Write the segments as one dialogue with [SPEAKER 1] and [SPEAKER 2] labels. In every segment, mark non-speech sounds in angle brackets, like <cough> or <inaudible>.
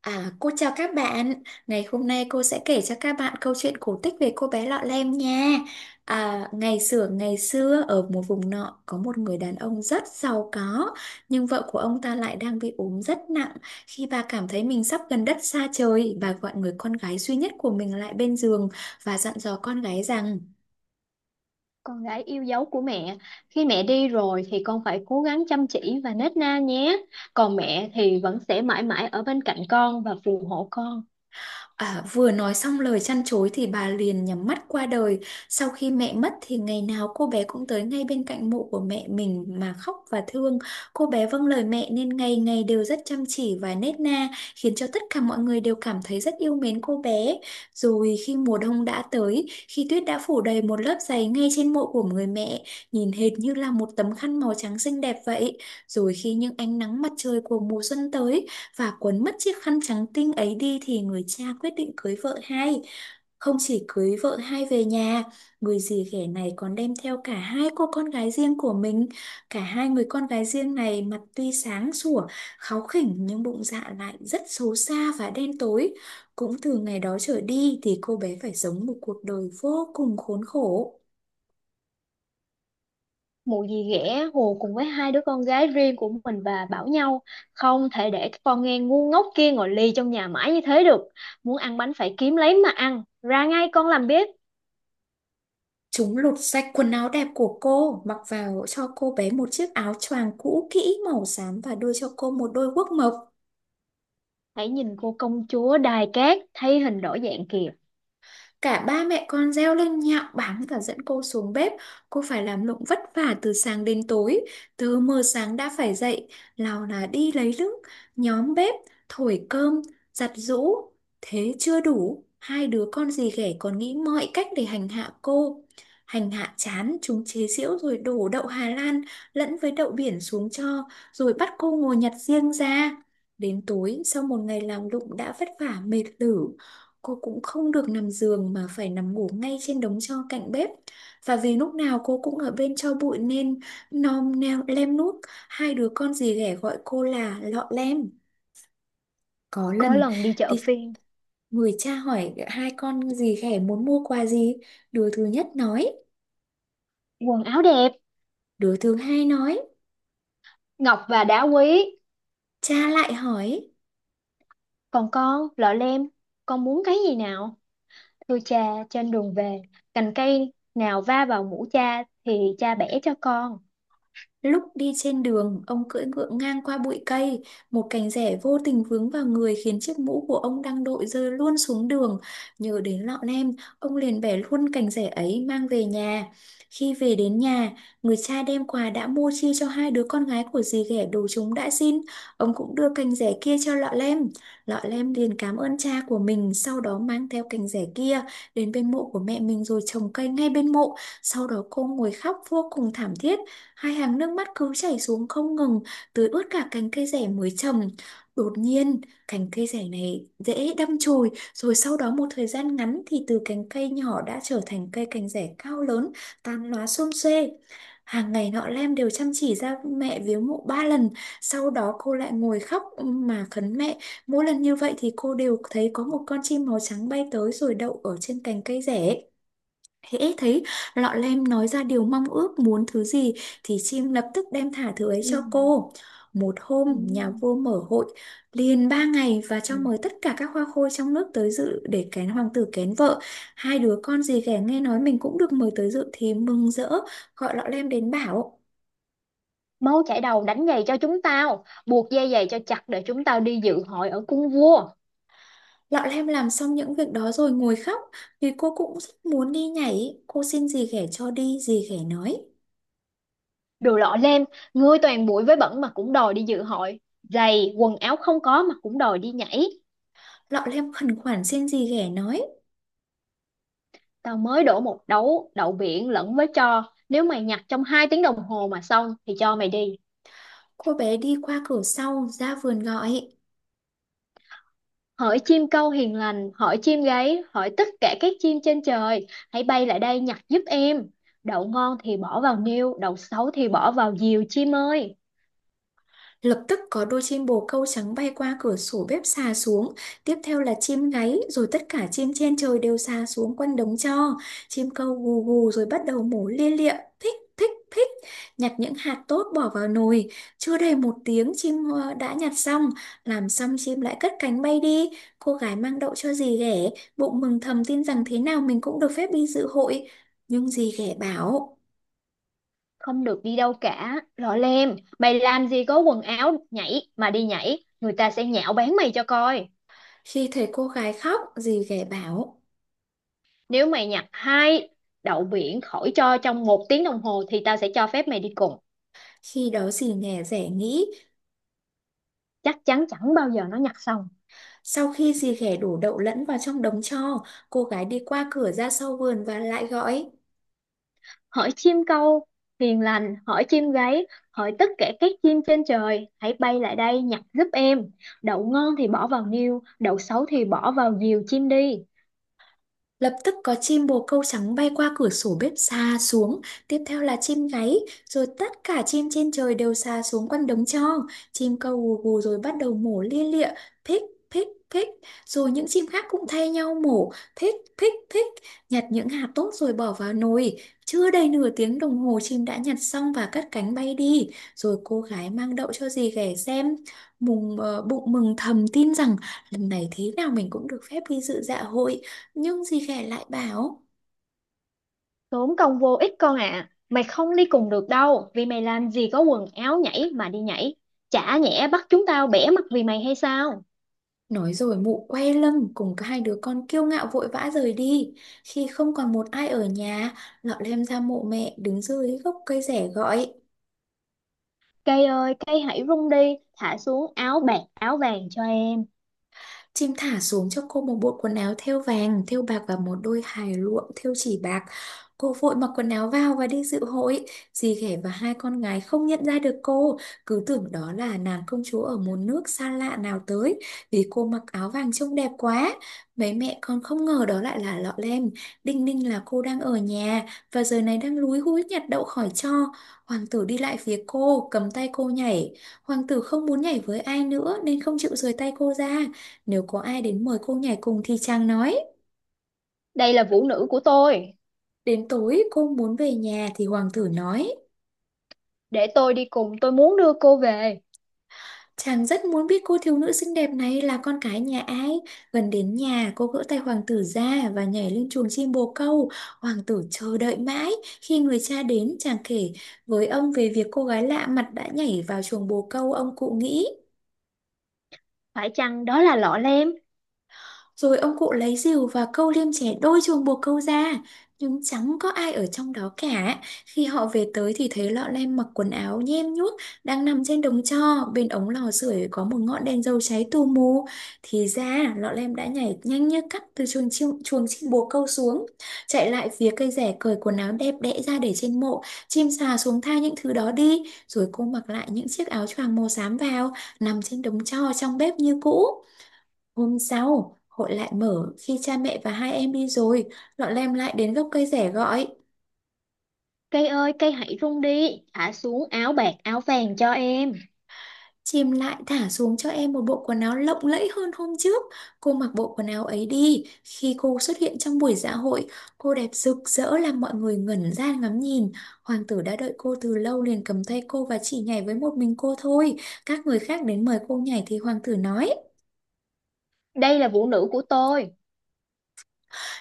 [SPEAKER 1] À, cô chào các bạn. Ngày hôm nay cô sẽ kể cho các bạn câu chuyện cổ tích về cô bé Lọ Lem nha. À, ngày xưa ở một vùng nọ có một người đàn ông rất giàu có, nhưng vợ của ông ta lại đang bị ốm rất nặng. Khi bà cảm thấy mình sắp gần đất xa trời, bà gọi người con gái duy nhất của mình lại bên giường và dặn dò con gái rằng.
[SPEAKER 2] Con gái yêu dấu của mẹ, khi mẹ đi rồi thì con phải cố gắng chăm chỉ và nết na nhé. Còn mẹ thì vẫn sẽ mãi mãi ở bên cạnh con và phù hộ con.
[SPEAKER 1] À, vừa nói xong lời trăn trối thì bà liền nhắm mắt qua đời. Sau khi mẹ mất thì ngày nào cô bé cũng tới ngay bên cạnh mộ của mẹ mình mà khóc và thương. Cô bé vâng lời mẹ nên ngày ngày đều rất chăm chỉ và nết na, khiến cho tất cả mọi người đều cảm thấy rất yêu mến cô bé. Rồi khi mùa đông đã tới, khi tuyết đã phủ đầy một lớp giày ngay trên mộ của người mẹ, nhìn hệt như là một tấm khăn màu trắng xinh đẹp vậy. Rồi khi những ánh nắng mặt trời của mùa xuân tới, và cuốn mất chiếc khăn trắng tinh ấy đi thì người cha quyết định cưới vợ hai. Không chỉ cưới vợ hai về nhà, người dì ghẻ này còn đem theo cả hai cô con gái riêng của mình. Cả hai người con gái riêng này mặt tuy sáng sủa, kháu khỉnh nhưng bụng dạ lại rất xấu xa và đen tối. Cũng từ ngày đó trở đi thì cô bé phải sống một cuộc đời vô cùng khốn khổ.
[SPEAKER 2] Mụ dì ghẻ hùa cùng với hai đứa con gái riêng của mình và bảo nhau, không thể để cái con nghe ngu ngốc kia ngồi lì trong nhà mãi như thế được. Muốn ăn bánh phải kiếm lấy mà ăn, ra ngay con làm bếp.
[SPEAKER 1] Chúng lột sạch quần áo đẹp của cô, mặc vào cho cô bé một chiếc áo choàng cũ kỹ màu xám và đưa cho cô một đôi guốc mộc.
[SPEAKER 2] Hãy nhìn cô công chúa đài cát thay hình đổi dạng kìa.
[SPEAKER 1] Cả ba mẹ con reo lên nhạo báng và dẫn cô xuống bếp. Cô phải làm lụng vất vả từ sáng đến tối. Từ mờ sáng đã phải dậy, nào là đi lấy nước, nhóm bếp, thổi cơm, giặt giũ. Thế chưa đủ, hai đứa con dì ghẻ còn nghĩ mọi cách để hành hạ cô. Hành hạ chán, chúng chế giễu rồi đổ đậu Hà Lan lẫn với đậu biển xuống cho, rồi bắt cô ngồi nhặt riêng ra. Đến tối, sau một ngày làm lụng đã vất vả mệt lử, cô cũng không được nằm giường mà phải nằm ngủ ngay trên đống tro cạnh bếp. Và vì lúc nào cô cũng ở bên tro bụi nên nom neo lem nuốt, hai đứa con dì ghẻ gọi cô là lọ lem. Có
[SPEAKER 2] Có
[SPEAKER 1] lần
[SPEAKER 2] lần đi chợ
[SPEAKER 1] thì
[SPEAKER 2] phiên.
[SPEAKER 1] người cha hỏi hai con dì ghẻ muốn mua quà gì, đứa thứ nhất nói,
[SPEAKER 2] Quần áo đẹp.
[SPEAKER 1] đứa thứ hai nói,
[SPEAKER 2] Ngọc và đá quý.
[SPEAKER 1] cha lại hỏi.
[SPEAKER 2] Còn con, lọ lem, con muốn cái gì nào? Thưa cha, trên đường về, cành cây nào va vào mũ cha thì cha bẻ cho con.
[SPEAKER 1] Lúc đi trên đường, ông cưỡi ngựa ngang qua bụi cây, một cành rẻ vô tình vướng vào người khiến chiếc mũ của ông đang đội rơi luôn xuống đường. Nhớ đến lọ lem, ông liền bẻ luôn cành rẻ ấy mang về nhà. Khi về đến nhà, người cha đem quà đã mua chia cho hai đứa con gái của dì ghẻ đồ chúng đã xin. Ông cũng đưa cành rẻ kia cho lọ lem. Lọ lem liền cảm ơn cha của mình, sau đó mang theo cành rẻ kia đến bên mộ của mẹ mình rồi trồng cây ngay bên mộ. Sau đó cô ngồi khóc vô cùng thảm thiết. Hai hàng nước mắt cứ chảy xuống không ngừng, tưới ướt cả cành cây rẻ mới trồng. Đột nhiên, cành cây rẻ này dễ đâm chồi, rồi sau đó một thời gian ngắn thì từ cành cây nhỏ đã trở thành cây cành rẻ cao lớn, tán lá xum xuê. Hàng ngày nọ Lem đều chăm chỉ ra mẹ viếng mộ 3 lần, sau đó cô lại ngồi khóc mà khấn mẹ. Mỗi lần như vậy thì cô đều thấy có một con chim màu trắng bay tới rồi đậu ở trên cành cây rẻ. Hễ thấy lọ lem nói ra điều mong ước muốn thứ gì thì chim lập tức đem thả thứ ấy
[SPEAKER 2] Ừ.
[SPEAKER 1] cho cô. Một hôm
[SPEAKER 2] Ừ.
[SPEAKER 1] nhà vua mở hội liền 3 ngày và
[SPEAKER 2] Ừ.
[SPEAKER 1] cho mời tất cả các hoa khôi trong nước tới dự để kén hoàng tử kén vợ. Hai đứa con dì ghẻ nghe nói mình cũng được mời tới dự thì mừng rỡ gọi lọ lem đến bảo.
[SPEAKER 2] Máu chảy đầu đánh giày cho chúng tao, buộc dây giày cho chặt để chúng tao đi dự hội ở cung vua.
[SPEAKER 1] Lọ lem làm xong những việc đó rồi ngồi khóc vì cô cũng rất muốn đi nhảy. Cô xin dì ghẻ cho đi, dì ghẻ nói.
[SPEAKER 2] Đồ lọ lem, ngươi toàn bụi với bẩn mà cũng đòi đi dự hội. Giày, quần áo không có mà cũng đòi đi nhảy.
[SPEAKER 1] Lọ lem khẩn khoản xin dì ghẻ nói.
[SPEAKER 2] Tao mới đổ một đấu đậu biển lẫn với tro. Nếu mày nhặt trong hai tiếng đồng hồ mà xong thì cho mày đi.
[SPEAKER 1] Cô bé đi qua cửa sau ra vườn gọi.
[SPEAKER 2] Hỡi chim câu hiền lành, hỡi chim gáy, hỡi tất cả các chim trên trời, hãy bay lại đây nhặt giúp em. Đậu ngon thì bỏ vào niêu, đậu xấu thì bỏ vào diều chim ơi.
[SPEAKER 1] Lập tức có đôi chim bồ câu trắng bay qua cửa sổ bếp xà xuống, tiếp theo là chim gáy, rồi tất cả chim trên trời đều xà xuống quanh đống tro. Chim câu gù gù rồi bắt đầu mổ lia lịa, thích thích thích, nhặt những hạt tốt bỏ vào nồi. Chưa đầy một tiếng chim đã nhặt xong, làm xong chim lại cất cánh bay đi. Cô gái mang đậu cho dì ghẻ, bụng mừng thầm tin rằng thế nào mình cũng được phép đi dự hội. Nhưng dì ghẻ bảo.
[SPEAKER 2] Không được đi đâu cả, lọ lem, mày làm gì có quần áo nhảy mà đi nhảy, người ta sẽ nhạo báng mày cho coi.
[SPEAKER 1] Khi thấy cô gái khóc, dì ghẻ bảo.
[SPEAKER 2] Nếu mày nhặt hai đậu biển khỏi cho trong một tiếng đồng hồ thì tao sẽ cho phép mày đi cùng.
[SPEAKER 1] Khi đó dì ghẻ rẻ nghĩ,
[SPEAKER 2] Chắc chắn chẳng bao giờ nó nhặt xong.
[SPEAKER 1] sau khi dì ghẻ đổ đậu lẫn vào trong đống tro, cô gái đi qua cửa ra sau vườn và lại gọi.
[SPEAKER 2] Hỡi chim câu hiền lành, hỡi chim gáy, hỡi tất cả các chim trên trời, hãy bay lại đây nhặt giúp em. Đậu ngon thì bỏ vào niêu, đậu xấu thì bỏ vào diều chim đi.
[SPEAKER 1] Lập tức có chim bồ câu trắng bay qua cửa sổ bếp xà xuống, tiếp theo là chim gáy, rồi tất cả chim trên trời đều xà xuống quanh đống tro. Chim câu gù gù rồi bắt đầu mổ lia lịa, phích phích phích, rồi những chim khác cũng thay nhau mổ, phích phích phích, nhặt những hạt tốt rồi bỏ vào nồi. Chưa đầy nửa tiếng đồng hồ chim đã nhặt xong và cất cánh bay đi, rồi cô gái mang đậu cho dì ghẻ xem. Mùng bụng mừng thầm tin rằng lần này thế nào mình cũng được phép đi dự dạ hội. Nhưng dì ghẻ lại bảo.
[SPEAKER 2] Tốn công vô ích con ạ, mày không đi cùng được đâu, vì mày làm gì có quần áo nhảy mà đi nhảy. Chả nhẽ bắt chúng tao bẻ mặt vì mày hay sao.
[SPEAKER 1] Nói rồi mụ quay lưng cùng hai đứa con kiêu ngạo vội vã rời đi. Khi không còn một ai ở nhà, lọ lem ra mộ mẹ đứng dưới gốc cây rẻ gọi.
[SPEAKER 2] Cây ơi, cây hãy rung đi, thả xuống áo bạc áo vàng cho em.
[SPEAKER 1] Chim thả xuống cho cô một bộ quần áo thêu vàng, thêu bạc và một đôi hài luộm thêu chỉ bạc. Cô vội mặc quần áo vào và đi dự hội. Dì ghẻ và hai con gái không nhận ra được cô, cứ tưởng đó là nàng công chúa ở một nước xa lạ nào tới, vì cô mặc áo vàng trông đẹp quá. Mấy mẹ con không ngờ đó lại là Lọ Lem. Đinh ninh là cô đang ở nhà và giờ này đang lúi húi nhặt đậu khỏi tro. Hoàng tử đi lại phía cô, cầm tay cô nhảy. Hoàng tử không muốn nhảy với ai nữa nên không chịu rời tay cô ra. Nếu có ai đến mời cô nhảy cùng thì chàng nói.
[SPEAKER 2] Đây là vũ nữ của tôi.
[SPEAKER 1] Đến tối cô muốn về nhà thì hoàng tử nói.
[SPEAKER 2] Để tôi đi cùng, tôi muốn đưa cô về.
[SPEAKER 1] Chàng rất muốn biết cô thiếu nữ xinh đẹp này là con cái nhà ai. Gần đến nhà cô gỡ tay hoàng tử ra và nhảy lên chuồng chim bồ câu. Hoàng tử chờ đợi mãi. Khi người cha đến chàng kể với ông về việc cô gái lạ mặt đã nhảy vào chuồng bồ câu ông cụ nghĩ.
[SPEAKER 2] Phải chăng đó là lọ lem.
[SPEAKER 1] Rồi ông cụ lấy rìu và câu liêm chẻ đôi chuồng buộc câu ra, nhưng chẳng có ai ở trong đó cả. Khi họ về tới thì thấy lọ lem mặc quần áo nhem nhuốc đang nằm trên đống tro, bên ống lò sưởi có một ngọn đèn dầu cháy tù mù. Thì ra lọ lem đã nhảy nhanh như cắt từ chuồng chim bồ câu xuống, chạy lại phía cây rẻ cởi quần áo đẹp đẽ ra để trên mộ, chim sà xuống tha những thứ đó đi, rồi cô mặc lại những chiếc áo choàng màu xám vào, nằm trên đống tro trong bếp như cũ. Hôm sau, hội lại mở khi cha mẹ và hai em đi rồi, lọn lem lại đến gốc cây rẻ gọi.
[SPEAKER 2] Cây ơi, cây hãy rung đi, thả xuống áo bạc áo vàng cho em.
[SPEAKER 1] Chim lại thả xuống cho em một bộ quần áo lộng lẫy hơn hôm trước. Cô mặc bộ quần áo ấy đi. Khi cô xuất hiện trong buổi dạ hội, cô đẹp rực rỡ làm mọi người ngẩn ra ngắm nhìn. Hoàng tử đã đợi cô từ lâu liền cầm tay cô và chỉ nhảy với một mình cô thôi. Các người khác đến mời cô nhảy thì hoàng tử nói.
[SPEAKER 2] Đây là vũ nữ của tôi.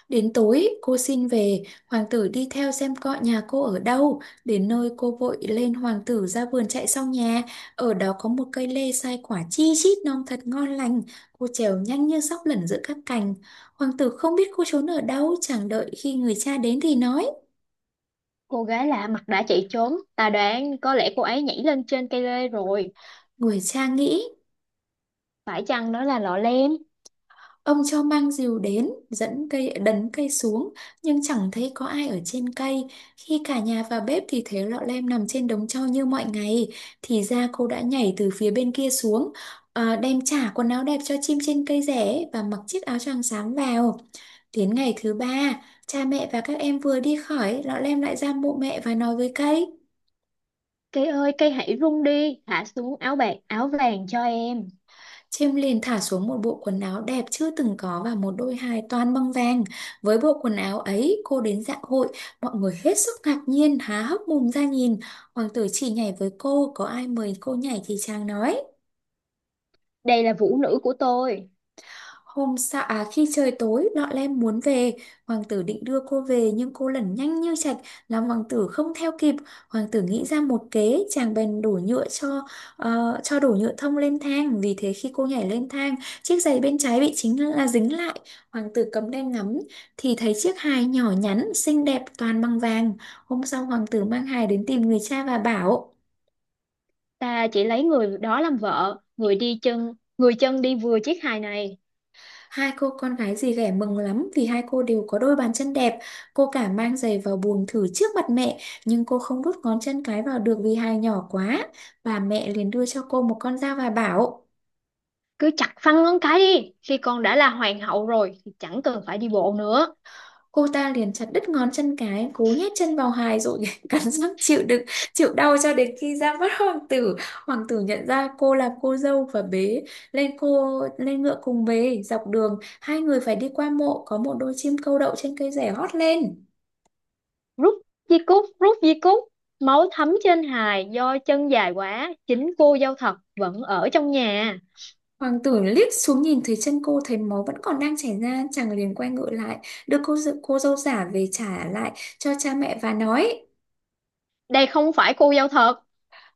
[SPEAKER 1] Đến tối, cô xin về, hoàng tử đi theo xem coi nhà cô ở đâu. Đến nơi cô vội lên hoàng tử ra vườn chạy sau nhà. Ở đó có một cây lê sai quả chi chít non thật ngon lành. Cô trèo nhanh như sóc lẩn giữa các cành. Hoàng tử không biết cô trốn ở đâu, chẳng đợi khi người cha đến thì nói.
[SPEAKER 2] Cô gái lạ mặt đã chạy trốn, ta đoán có lẽ cô ấy nhảy lên trên cây lê rồi.
[SPEAKER 1] Người cha nghĩ.
[SPEAKER 2] Phải chăng đó là lọ lem?
[SPEAKER 1] Ông cho mang rìu đến, dẫn cây đấn cây xuống, nhưng chẳng thấy có ai ở trên cây. Khi cả nhà vào bếp thì thấy lọ lem nằm trên đống tro như mọi ngày. Thì ra cô đã nhảy từ phía bên kia xuống, à, đem trả quần áo đẹp cho chim trên cây rẻ và mặc chiếc áo choàng xám vào. Đến ngày thứ ba, cha mẹ và các em vừa đi khỏi, lọ lem lại ra mộ mẹ và nói với cây.
[SPEAKER 2] Cây ơi, cây hãy rung đi, thả xuống áo bạc áo vàng cho em.
[SPEAKER 1] Chiêm liền thả xuống một bộ quần áo đẹp chưa từng có và một đôi hài toàn bằng vàng. Với bộ quần áo ấy, cô đến dạ hội, mọi người hết sức ngạc nhiên, há hốc mồm ra nhìn. Hoàng tử chỉ nhảy với cô, có ai mời cô nhảy thì chàng nói.
[SPEAKER 2] Đây là vũ nữ của tôi.
[SPEAKER 1] Hôm sau, à, khi trời tối, Lọ Lem muốn về. Hoàng tử định đưa cô về, nhưng cô lẩn nhanh như chạch, làm hoàng tử không theo kịp. Hoàng tử nghĩ ra một kế. Chàng bèn đổ nhựa cho ờ, cho đổ nhựa thông lên thang. Vì thế khi cô nhảy lên thang, chiếc giày bên trái bị chính là, à, dính lại. Hoàng tử cầm đèn ngắm, thì thấy chiếc hài nhỏ nhắn xinh đẹp toàn bằng vàng. Hôm sau hoàng tử mang hài đến tìm người cha và bảo.
[SPEAKER 2] Ta chỉ lấy người đó làm vợ, người đi chân, người chân đi vừa chiếc hài này.
[SPEAKER 1] Hai cô con gái dì ghẻ mừng lắm vì hai cô đều có đôi bàn chân đẹp. Cô cả mang giày vào buồng thử trước mặt mẹ, nhưng cô không đút ngón chân cái vào được vì hài nhỏ quá. Bà mẹ liền đưa cho cô một con dao và bảo,
[SPEAKER 2] Cứ chặt phăng ngón cái đi, khi con đã là hoàng hậu rồi thì chẳng cần phải đi bộ nữa.
[SPEAKER 1] cô ta liền chặt đứt ngón chân cái, cố nhét chân vào hài rồi <laughs> cắn răng chịu đựng, chịu đau cho đến khi ra mắt hoàng tử. Hoàng tử nhận ra cô là cô dâu và bế cô lên ngựa cùng về. Dọc đường, hai người phải đi qua mộ, có một đôi chim câu đậu trên cây rẻ hót lên.
[SPEAKER 2] Rút rút di cúc, máu thấm trên hài do chân dài quá, chính cô dâu thật vẫn ở trong nhà.
[SPEAKER 1] Hoàng tử liếc xuống nhìn thấy chân cô, thấy máu vẫn còn đang chảy ra, chàng liền quay ngựa lại, đưa cô dâu giả về trả lại cho cha mẹ và nói.
[SPEAKER 2] Đây không phải cô dâu thật.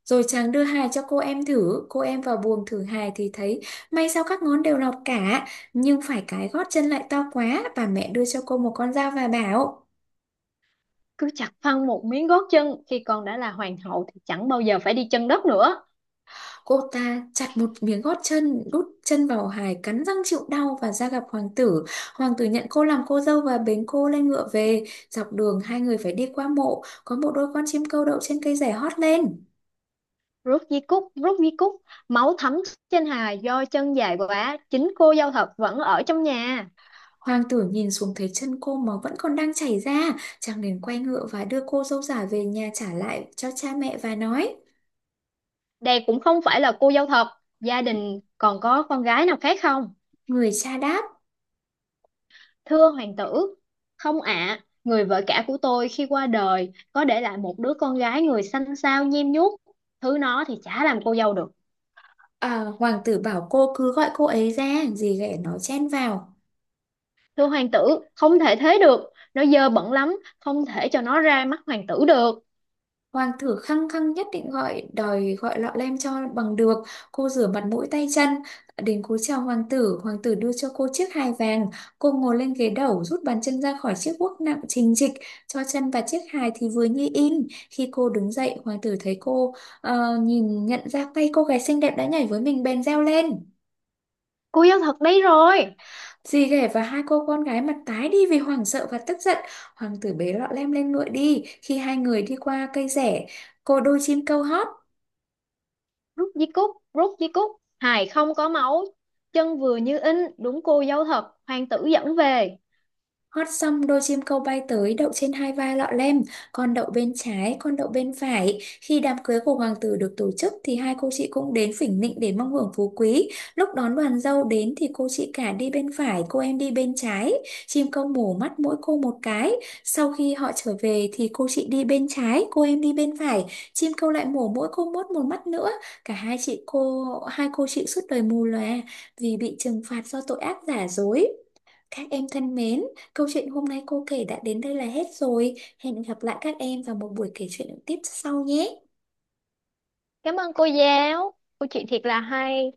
[SPEAKER 1] Rồi chàng đưa hài cho cô em thử, cô em vào buồng thử hài thì thấy may sao các ngón đều lọt cả, nhưng phải cái gót chân lại to quá, bà mẹ đưa cho cô một con dao và bảo.
[SPEAKER 2] Cứ chặt phăng một miếng gót chân, khi con đã là hoàng hậu thì chẳng bao giờ phải đi chân đất nữa.
[SPEAKER 1] Cô ta chặt một miếng gót chân, đút chân vào hài, cắn răng chịu đau và ra gặp hoàng tử. Hoàng tử nhận cô làm cô dâu và bế cô lên ngựa về. Dọc đường hai người phải đi qua mộ, có một đôi con chim câu đậu trên cây rẻ hót lên.
[SPEAKER 2] Rút di cúc, máu thấm trên hài do chân dài quá, chính cô dâu thật vẫn ở trong nhà.
[SPEAKER 1] Hoàng tử nhìn xuống thấy chân cô máu vẫn còn đang chảy ra, chàng liền quay ngựa và đưa cô dâu giả về nhà trả lại cho cha mẹ và nói.
[SPEAKER 2] Đây cũng không phải là cô dâu thật, gia đình còn có con gái nào khác không?
[SPEAKER 1] Người cha đáp,
[SPEAKER 2] Thưa hoàng tử, không ạ, người vợ cả của tôi khi qua đời có để lại một đứa con gái người xanh xao nhem nhuốc, thứ nó thì chả làm cô dâu được.
[SPEAKER 1] "À, hoàng tử bảo cô cứ gọi cô ấy ra", dì ghẻ nó chen vào.
[SPEAKER 2] Thưa hoàng tử, không thể thế được, nó dơ bẩn lắm, không thể cho nó ra mắt hoàng tử được.
[SPEAKER 1] Hoàng thử khăng khăng nhất định đòi gọi lọ lem cho bằng được. Cô rửa mặt mũi tay chân. Đến cúi chào hoàng tử đưa cho cô chiếc hài vàng. Cô ngồi lên ghế đẩu, rút bàn chân ra khỏi chiếc guốc nặng trình trịch, cho chân và chiếc hài thì vừa như in. Khi cô đứng dậy, hoàng tử thấy cô, nhìn nhận ra tay cô gái xinh đẹp đã nhảy với mình bèn reo lên.
[SPEAKER 2] Cô dâu thật đấy rồi.
[SPEAKER 1] Dì ghẻ và hai cô con gái mặt tái đi vì hoảng sợ và tức giận. Hoàng tử bế lọ lem lên ngựa đi. Khi hai người đi qua cây rẻ, cô đôi chim kêu hót.
[SPEAKER 2] Rút di cúc, rút di cúc, hài không có máu, chân vừa như in, đúng cô dâu thật, hoàng tử dẫn về.
[SPEAKER 1] Hót xong đôi chim câu bay tới đậu trên hai vai lọ lem, con đậu bên trái, con đậu bên phải. Khi đám cưới của hoàng tử được tổ chức thì hai cô chị cũng đến phỉnh nịnh để mong hưởng phú quý. Lúc đón đoàn dâu đến thì cô chị cả đi bên phải, cô em đi bên trái. Chim câu mổ mắt mỗi cô một cái. Sau khi họ trở về thì cô chị đi bên trái, cô em đi bên phải. Chim câu lại mổ mỗi cô một mắt nữa. Cả hai chị cô, hai cô chị suốt đời mù lòa vì bị trừng phạt do tội ác giả dối. Các em thân mến, câu chuyện hôm nay cô kể đã đến đây là hết rồi. Hẹn gặp lại các em vào một buổi kể chuyện tiếp sau nhé.
[SPEAKER 2] Cảm ơn cô giáo, cô chị thiệt là hay.